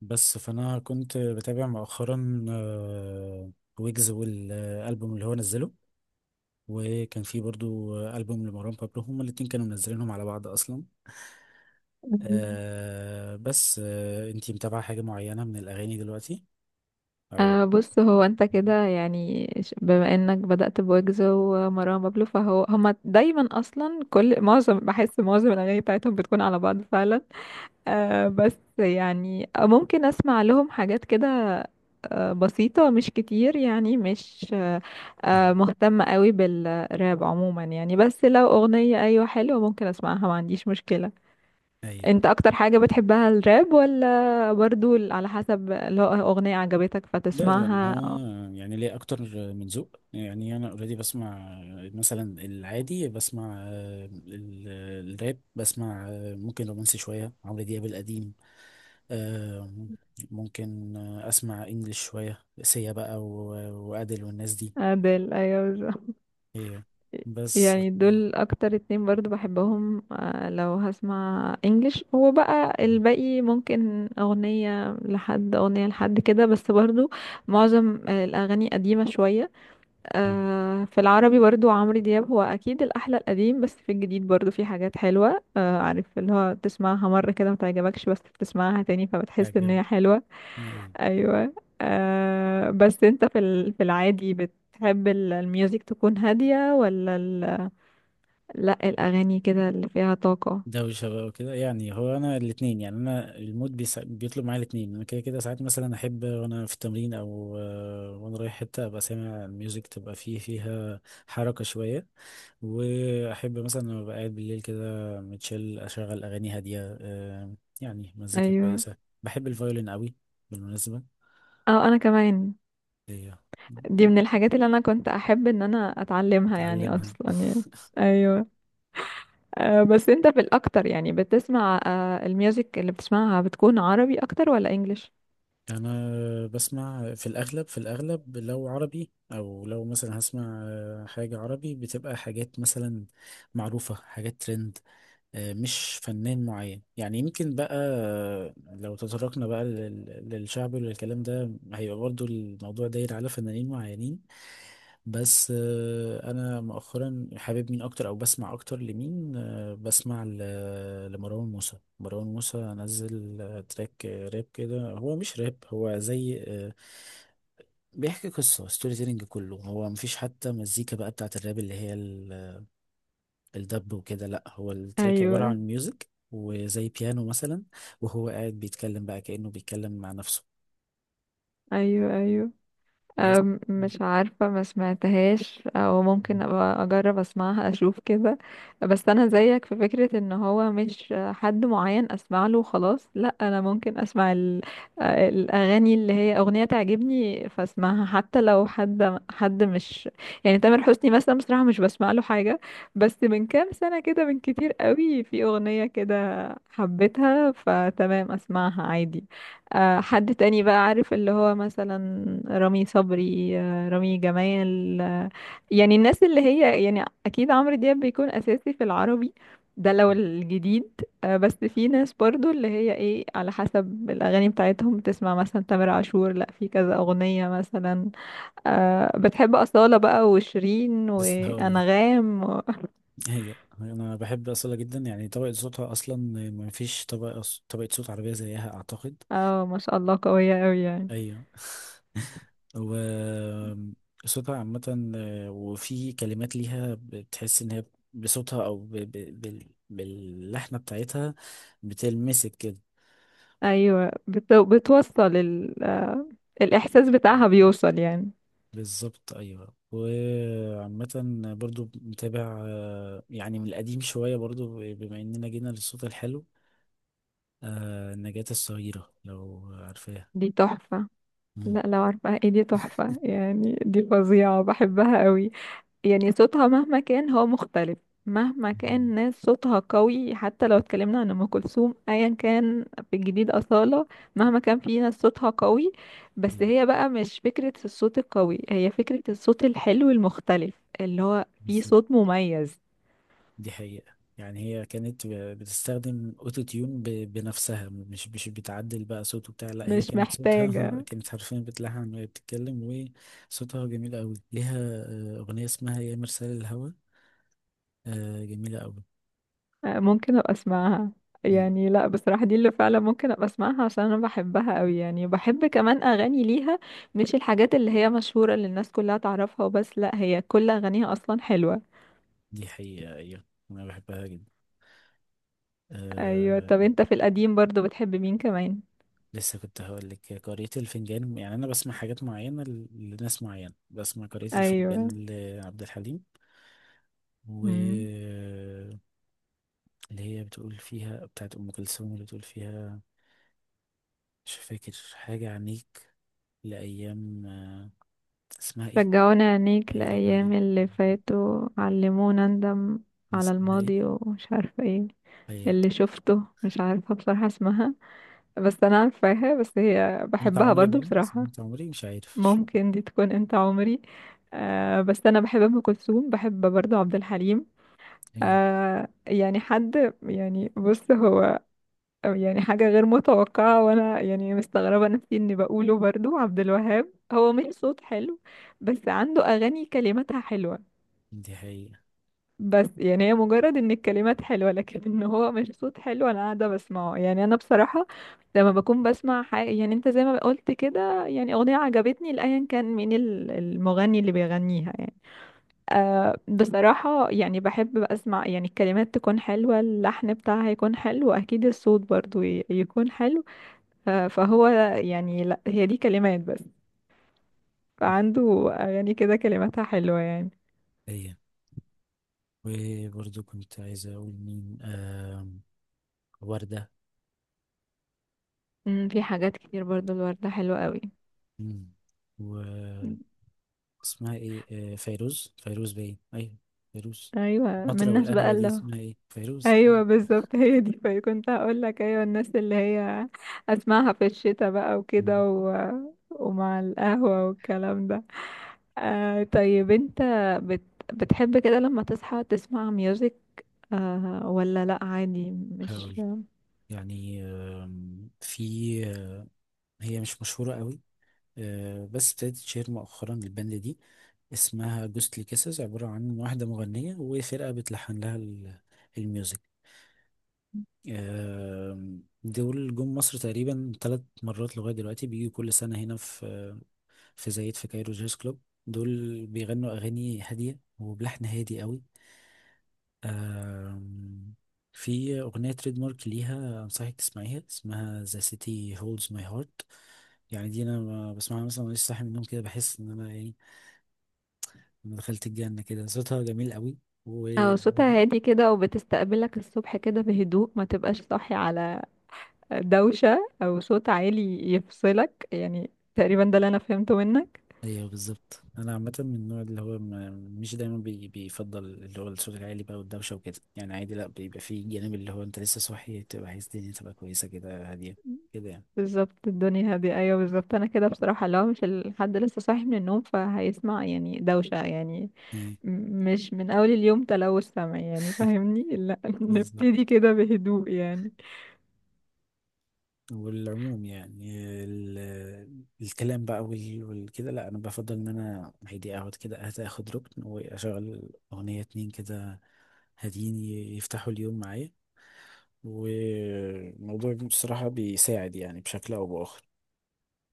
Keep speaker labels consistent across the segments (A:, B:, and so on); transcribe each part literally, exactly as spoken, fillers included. A: بس فانا كنت بتابع مؤخرا آه، ويجز والالبوم اللي هو نزله، وكان في برضو آه، البوم لمروان بابلو، هما الاتنين كانوا منزلينهم على بعض اصلا. آه، بس آه، انتي متابعة حاجة معينة من الاغاني دلوقتي او؟
B: آه بص هو انت كده يعني ش- بما انك بدأت بويجز ومروان بابلو فهو هما دايما اصلا كل معظم بحس معظم الاغاني بتاعتهم بتكون على بعض فعلا. آه بس يعني ممكن اسمع لهم حاجات كده آه بسيطة، مش كتير يعني مش آه
A: مهم.
B: آه مهتمة قوي بالراب عموما يعني، بس لو اغنية ايوه حلوة ممكن اسمعها، ما عنديش مشكلة.
A: ايوه.
B: انت اكتر حاجة بتحبها الراب ولا برضو ال- على حسب لو اغنية عجبتك
A: ده لا، هو
B: فتسمعها؟ اه،
A: يعني ليه اكتر من ذوق. يعني انا اوريدي بسمع مثلا العادي، بسمع آه، ال- الراب، بسمع آه، ممكن رومانسي شويه، عمرو دياب القديم، آه، ممكن آه، اسمع انجليش شويه، سيا بقى و- وادل والناس دي.
B: ادل، ايوه بالظبط.
A: هي، بس
B: يعني دول اكتر اتنين برضو بحبهم، آه، لو هسمع انجلش. هو بقى
A: آه،
B: الباقي ممكن اغنية لحد اغنية لحد كده بس برضو معظم الاغاني قديمة شوية.
A: آه،
B: آه، في العربي برضو عمرو دياب هو اكيد الاحلى القديم، بس في الجديد برضو في حاجات حلوه، آه، عارف اللي هو تسمعها مره كده ما تعجبكش بس بتسمعها تاني فبتحس ان
A: حاجه.
B: هي حلوه.
A: أيوة.
B: ايوه. أه بس انت في ال- في العادي بتحب ال- الميوزك تكون هاديه ولا ال، لا الاغاني كده اللي فيها طاقه؟
A: دوشة بقى وكده. يعني هو أنا الاتنين، يعني أنا المود بيسا... بيطلب معايا الاتنين. أنا كده كده ساعات مثلا أحب وأنا في التمرين أو آه، وأنا رايح حتة أبقى سامع الميوزك تبقى فيه، فيها حركة شوية. وأحب مثلا لما أبقى قاعد بالليل كده متشل، أشغل أغاني هادية، آه، يعني مزيكا
B: ايوه.
A: كويسة. بحب الفيولين قوي بالمناسبة.
B: اه انا كمان،
A: إيه،
B: دي من الحاجات اللي انا كنت احب ان انا اتعلمها يعني
A: أتعلمها.
B: اصلا يعني. ايوه. آه، بس انت في الاكتر يعني بتسمع، آه، الميوزك اللي بتسمعها بتكون عربي اكتر ولا انجليش؟
A: انا بسمع في الاغلب، في الاغلب لو عربي، او لو مثلا هسمع آه، حاجه عربي بتبقى حاجات مثلا معروفه، حاجات ترند. آه، مش فنان معين يعني. يمكن بقى آه، لو تطرقنا بقى لل- للشعبي وللكلام ده، هيبقى برضو الموضوع داير على فنانين معينين. بس آه، انا مؤخرا حابب مين اكتر، او بسمع اكتر لمين؟ آه، بسمع ل- لمروان موسى. مروان موسى نزل آه، تراك آه، راب كده. هو مش راب، هو زي آه، بيحكي قصة، ستوري تيلينج كله. هو مفيش حتى مزيكا بقى بتاعت الراب اللي هي ال- الدب وكده. لا، هو التراك عبارة
B: ايوه.
A: عن ميوزك وزي بيانو مثلا، وهو قاعد بيتكلم بقى كأنه بيتكلم مع نفسه.
B: ايوه. ايوه.
A: بس
B: أم، مش عارفة، ما سمعتهاش، او ممكن ابقى اجرب اسمعها اشوف كده. بس انا زيك في فكرة ان هو مش حد معين اسمع له وخلاص، لا انا ممكن اسمع ال- الاغاني اللي هي اغنية تعجبني فاسمعها، حتى لو حد حد مش، يعني تامر حسني مثلا بصراحة مش بسمع له حاجة، بس من كام سنة كده من كتير قوي في اغنية كده حبيتها فتمام اسمعها عادي. آه، حد تاني بقى عارف اللي هو مثلا رامي صبري، آه، رامي جمال، آه، يعني الناس اللي هي، يعني اكيد عمرو دياب بيكون اساسي في العربي، ده لو الجديد. آه، بس في ناس برضو اللي هي ايه، على حسب الاغاني بتاعتهم، بتسمع مثلا تامر عاشور لا في كذا اغنية مثلا. آه، بتحب أصالة بقى وشيرين
A: بس هقول.
B: وانغام و،
A: هي انا بحب اصلا جدا، يعني طبقة صوتها اصلا. ما فيش طبقة، طبقة صوت عربية زيها اعتقد.
B: اه ما شاء الله قوية قوي يعني.
A: ايوه و صوتها عامة، آه، وفي كلمات ليها بتحس ان هي بصوتها او ب... ب... بال... باللحنة بتاعتها بتلمسك كده.
B: ايوه. بت... بتوصل ال، آه، الاحساس بتاعها بيوصل يعني.
A: بالظبط، ايوه. وعامة برضو متابع، آه، يعني من القديم شوية، برضو بما اننا جينا للصوت الحلو، آه، نجاة الصغيرة لو عارفاها.
B: دي تحفة.
A: مم.
B: لا لو عارفة ايه، دي تحفة يعني، دي فظيعة، بحبها قوي. يعني صوتها مهما كان هو مختلف، مهما
A: مم.
B: كان ناس صوتها قوي، حتى لو اتكلمنا عن ام كلثوم ايا كان، في الجديد اصالة، مهما كان في ناس صوتها قوي، بس هي بقى مش فكرة الصوت القوي، هي فكرة الصوت الحلو المختلف اللي هو في
A: بالظبط.
B: صوت مميز.
A: دي حقيقة. يعني هي كانت ب- بتستخدم اوتو تيون ب- بنفسها، مش مش بتعدل بقى صوته بتاع. لا، هي
B: مش
A: كانت صوتها
B: محتاجة.
A: كانت حرفيا بتلحن وهي بتتكلم. وصوتها جميل قوي ليها. آه، اغنية اسمها يا مرسال الهوى، آه، جميلة قوي.
B: آه، ممكن ابقى اسمعها،
A: مم.
B: يعني لا بصراحة دي اللي فعلا ممكن ابقى اسمعها عشان انا بحبها قوي، يعني بحب كمان اغاني ليها، مش الحاجات اللي هي مشهورة اللي الناس كلها تعرفها وبس، لا هي كل اغانيها اصلا حلوة.
A: دي حقيقة، ايوه. انا بحبها جدا.
B: ايوه.
A: أه.
B: طب انت في القديم برضو بتحب مين كمان؟
A: لسه كنت هقول لك قارئة الفنجان. يعني انا بسمع حاجات معينة ل- لناس معينة. بسمع قارئة
B: ايوه.
A: الفنجان لعبد الحليم.
B: مم.
A: واللي هي بتقول فيها بتاعت أم كلثوم، اللي بتقول فيها مش فاكر، حاجة عنيك لأيام آه، اسمها ايه؟
B: رجعونا عينيك
A: هي رجعت.
B: لأيام اللي فاتوا علمونا ندم، على
A: اسمها ايه؟
B: الماضي ومش عارفة ايه.
A: هي
B: اللي شفته مش عارفة بصراحة اسمها، بس انا عارفاها، بس هي
A: انت
B: بحبها
A: عمري،
B: برضو
A: باين اسمها
B: بصراحة.
A: انت عمري، مش عارف مش-
B: ممكن دي تكون انت عمري. آه بس انا بحب ام كلثوم، بحب برضه عبد الحليم.
A: هي.
B: آه، يعني حد يعني بص هو، يعني حاجه غير متوقعه وانا يعني مستغربه نفسي اني بقوله، برضه عبد الوهاب، هو مش صوت حلو بس عنده اغاني كلماتها حلوه.
A: دي حقيقة.
B: بس يعني هي مجرد ان الكلمات حلوة، لكن ان هو مش صوت حلو انا قاعدة بسمعه يعني، انا بصراحة لما بكون بسمع حاجة يعني، انت زي ما قلت كده، يعني اغنية عجبتني لأيا كان مين ال- المغني اللي بيغنيها يعني. أه بصراحة يعني بحب بقى اسمع، يعني الكلمات تكون حلوة، اللحن بتاعها يكون حلو، اكيد الصوت برضو ي- يكون حلو. أه فهو، يعني لا هي دي كلمات بس، فعنده اغاني كده كلماتها حلوة يعني.
A: هي، وبرضه كنت عايز أقول مين، آم، وردة.
B: أمم، في حاجات كتير برضو، الوردة حلوة قوي.
A: مم. واسمها ايه، آه، فيروز فيروز باين، أيوة فيروز.
B: ايوه، من
A: المطرة
B: الناس بقى
A: والقهوة، دي
B: اللي هو،
A: اسمها ايه، فيروز.
B: ايوه بالظبط هي دي. فكنت هقول لك ايوه الناس اللي هي اسمعها في الشتاء بقى
A: مم.
B: وكده و، ومع القهوة والكلام ده. آه، طيب انت بت... بتحب كده لما تصحى تسمع ميوزك؟ آه ولا لا عادي مش.
A: هقول يعني آم، في، هي مش مشهورة قوي، آه، بس ابتدت تشهر مؤخرا. الباند دي اسمها جوستلي كيسز، عبارة عن واحدة مغنية وفرقة بتلحن لها ال- الميوزك. آم، دول جم مصر تقريبا ثلاث مرات لغاية دلوقتي، بيجوا كل سنة هنا في في زايد في كايرو جاز كلوب. دول بيغنوا أغاني هادية وبلحن هادي قوي. آم، في أغنية تريد مارك ليها أنصحك تسمعيها، اسمها The City Holds My Heart. يعني دي أنا ما بسمعها مثلا وأنا لسه صاحي من النوم كده، بحس إن أنا يعني أنا دخلت الجنة. كده صوتها جميل قوي،
B: اه
A: وهادي.
B: صوتها هادي كده، وبتستقبلك الصبح كده بهدوء، ما تبقاش صاحي على دوشة او صوت عالي يفصلك يعني، تقريبا ده اللي انا فهمته منك.
A: أيوه بالظبط. أنا عامة من النوع اللي هو ما- مش دايما بي بيفضل اللي هو الصوت العالي بقى والدوشة وكده. يعني عادي، لأ، بيبقى فيه الجانب اللي هو أنت لسه صاحي، تبقى عايز الدنيا تبقى كويسة كده، هادية كده يعني.
B: بالظبط، الدنيا هادية ايوه بالظبط، انا كده بصراحة لو مش الحد لسه صاحي من النوم فهيسمع يعني دوشة يعني،
A: إيه،
B: م- مش من اول اليوم تلوث سمع يعني، فاهمني؟ لا
A: بالظبط.
B: نبتدي كده بهدوء يعني.
A: والعموم يعني ال- الكلام بقى وال- والكده، لا، انا بفضل ان انا هيدي اقعد كده أهدى، اخد ركن واشغل اغنية، اتنين كده هاديين ي- يفتحوا اليوم معايا. والموضوع بصراحة بيساعد يعني بشكل او باخر.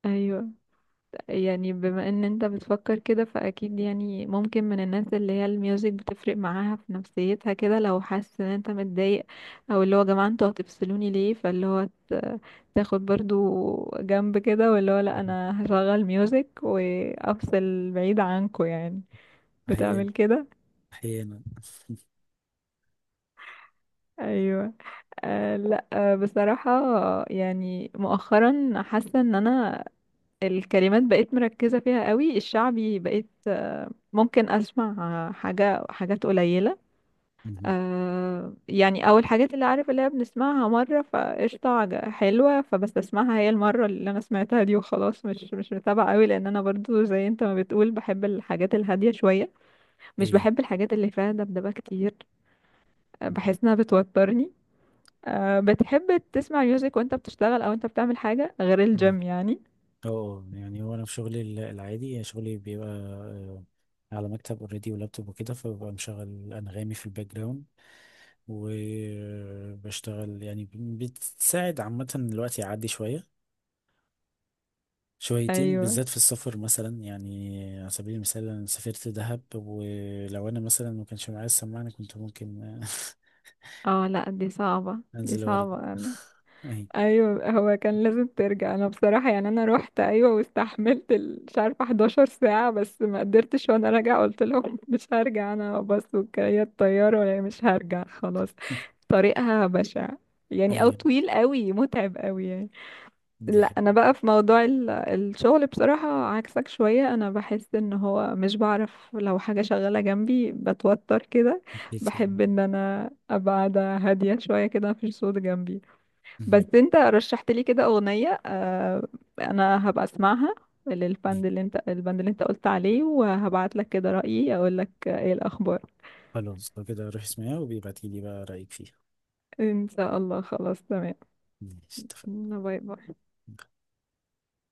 B: ايوه، يعني بما ان انت بتفكر كده فاكيد يعني، ممكن من الناس اللي هي الميوزك بتفرق معاها في نفسيتها كده، لو حاسس ان انت متضايق او اللي هو يا جماعه انتوا هتفصلوني ليه، فاللي هو ت- تاخد برضو جنب كده واللي هو لا
A: مهم.
B: انا هشغل ميوزك وافصل بعيد عنكم يعني.
A: احيانا.
B: بتعمل كده؟
A: احيانا.
B: ايوه. آه لا آه بصراحه، يعني مؤخرا حاسه ان انا الكلمات بقيت مركزة فيها قوي، الشعبي بقيت، آه، ممكن أسمع، آه، حاجة، حاجات قليلة،
A: مهم.
B: آه، يعني، أو الحاجات اللي عارف اللي هي بنسمعها مرة فقشطة، عج- حلوة، فبستسمعها هي المرة اللي أنا سمعتها دي وخلاص، مش مش متابعة قوي، لأن أنا برضو زي أنت ما بتقول بحب الحاجات الهادية شوية، مش
A: هي.
B: بحب الحاجات اللي فيها دبدبة كتير، آه،
A: مهم.
B: بحس إنها بتوترني. آه، بتحب تسمع ميوزك وأنت بتشتغل أو أنت بتعمل حاجة غير
A: اه.
B: الجيم يعني؟
A: اه، يعني هو انا في شغلي ال- العادي، يعني شغلي بيبقى آه، على مكتب اوريدي ولابتوب وكده، فببقى مشغل انغامي في الباك جراوند وبشتغل. يعني بتساعد عامة، الوقت يعدي شوية شويتين،
B: أيوه.
A: بالذات في السفر مثلا. يعني على سبيل المثال انا سافرت دهب، ولو انا مثلا ما كانش معايا السماعة أنا كنت ممكن
B: اه لا دي صعبة، دي
A: انزل وارد
B: صعبة انا.
A: اهي
B: ايوه هو كان لازم ترجع، انا بصراحة يعني انا روحت ايوه واستحملت ال- مش عارفة حداشر ساعة، بس ما قدرتش وانا راجعة قلت لهم مش هرجع انا، بس وكريات الطيارة يعني مش هرجع خلاص. طريقها بشع يعني، او
A: ايوه
B: طويل قوي متعب قوي يعني.
A: دي
B: لا
A: حاجة
B: انا بقى في موضوع ال- الشغل بصراحة عكسك شوية، انا بحس ان هو مش بعرف لو حاجة شغالة جنبي بتوتر كده، بحب
A: يعني.
B: ان انا ابقى قاعدة هادية شوية كده مفيش صوت جنبي. بس
A: مهم.
B: انت رشحت لي كده اغنية، آه، انا هبقى اسمعها
A: دي.
B: للبند اللي انت، البند اللي انت قلت عليه، وهبعت لك كده رأيي اقول لك ايه الاخبار.
A: خلاص لو كده روح اسمعها، وبيبعتيلي بقى رأيك فيها.
B: ان شاء الله خلاص تمام.
A: ماشي. اتفقنا.
B: باي باي.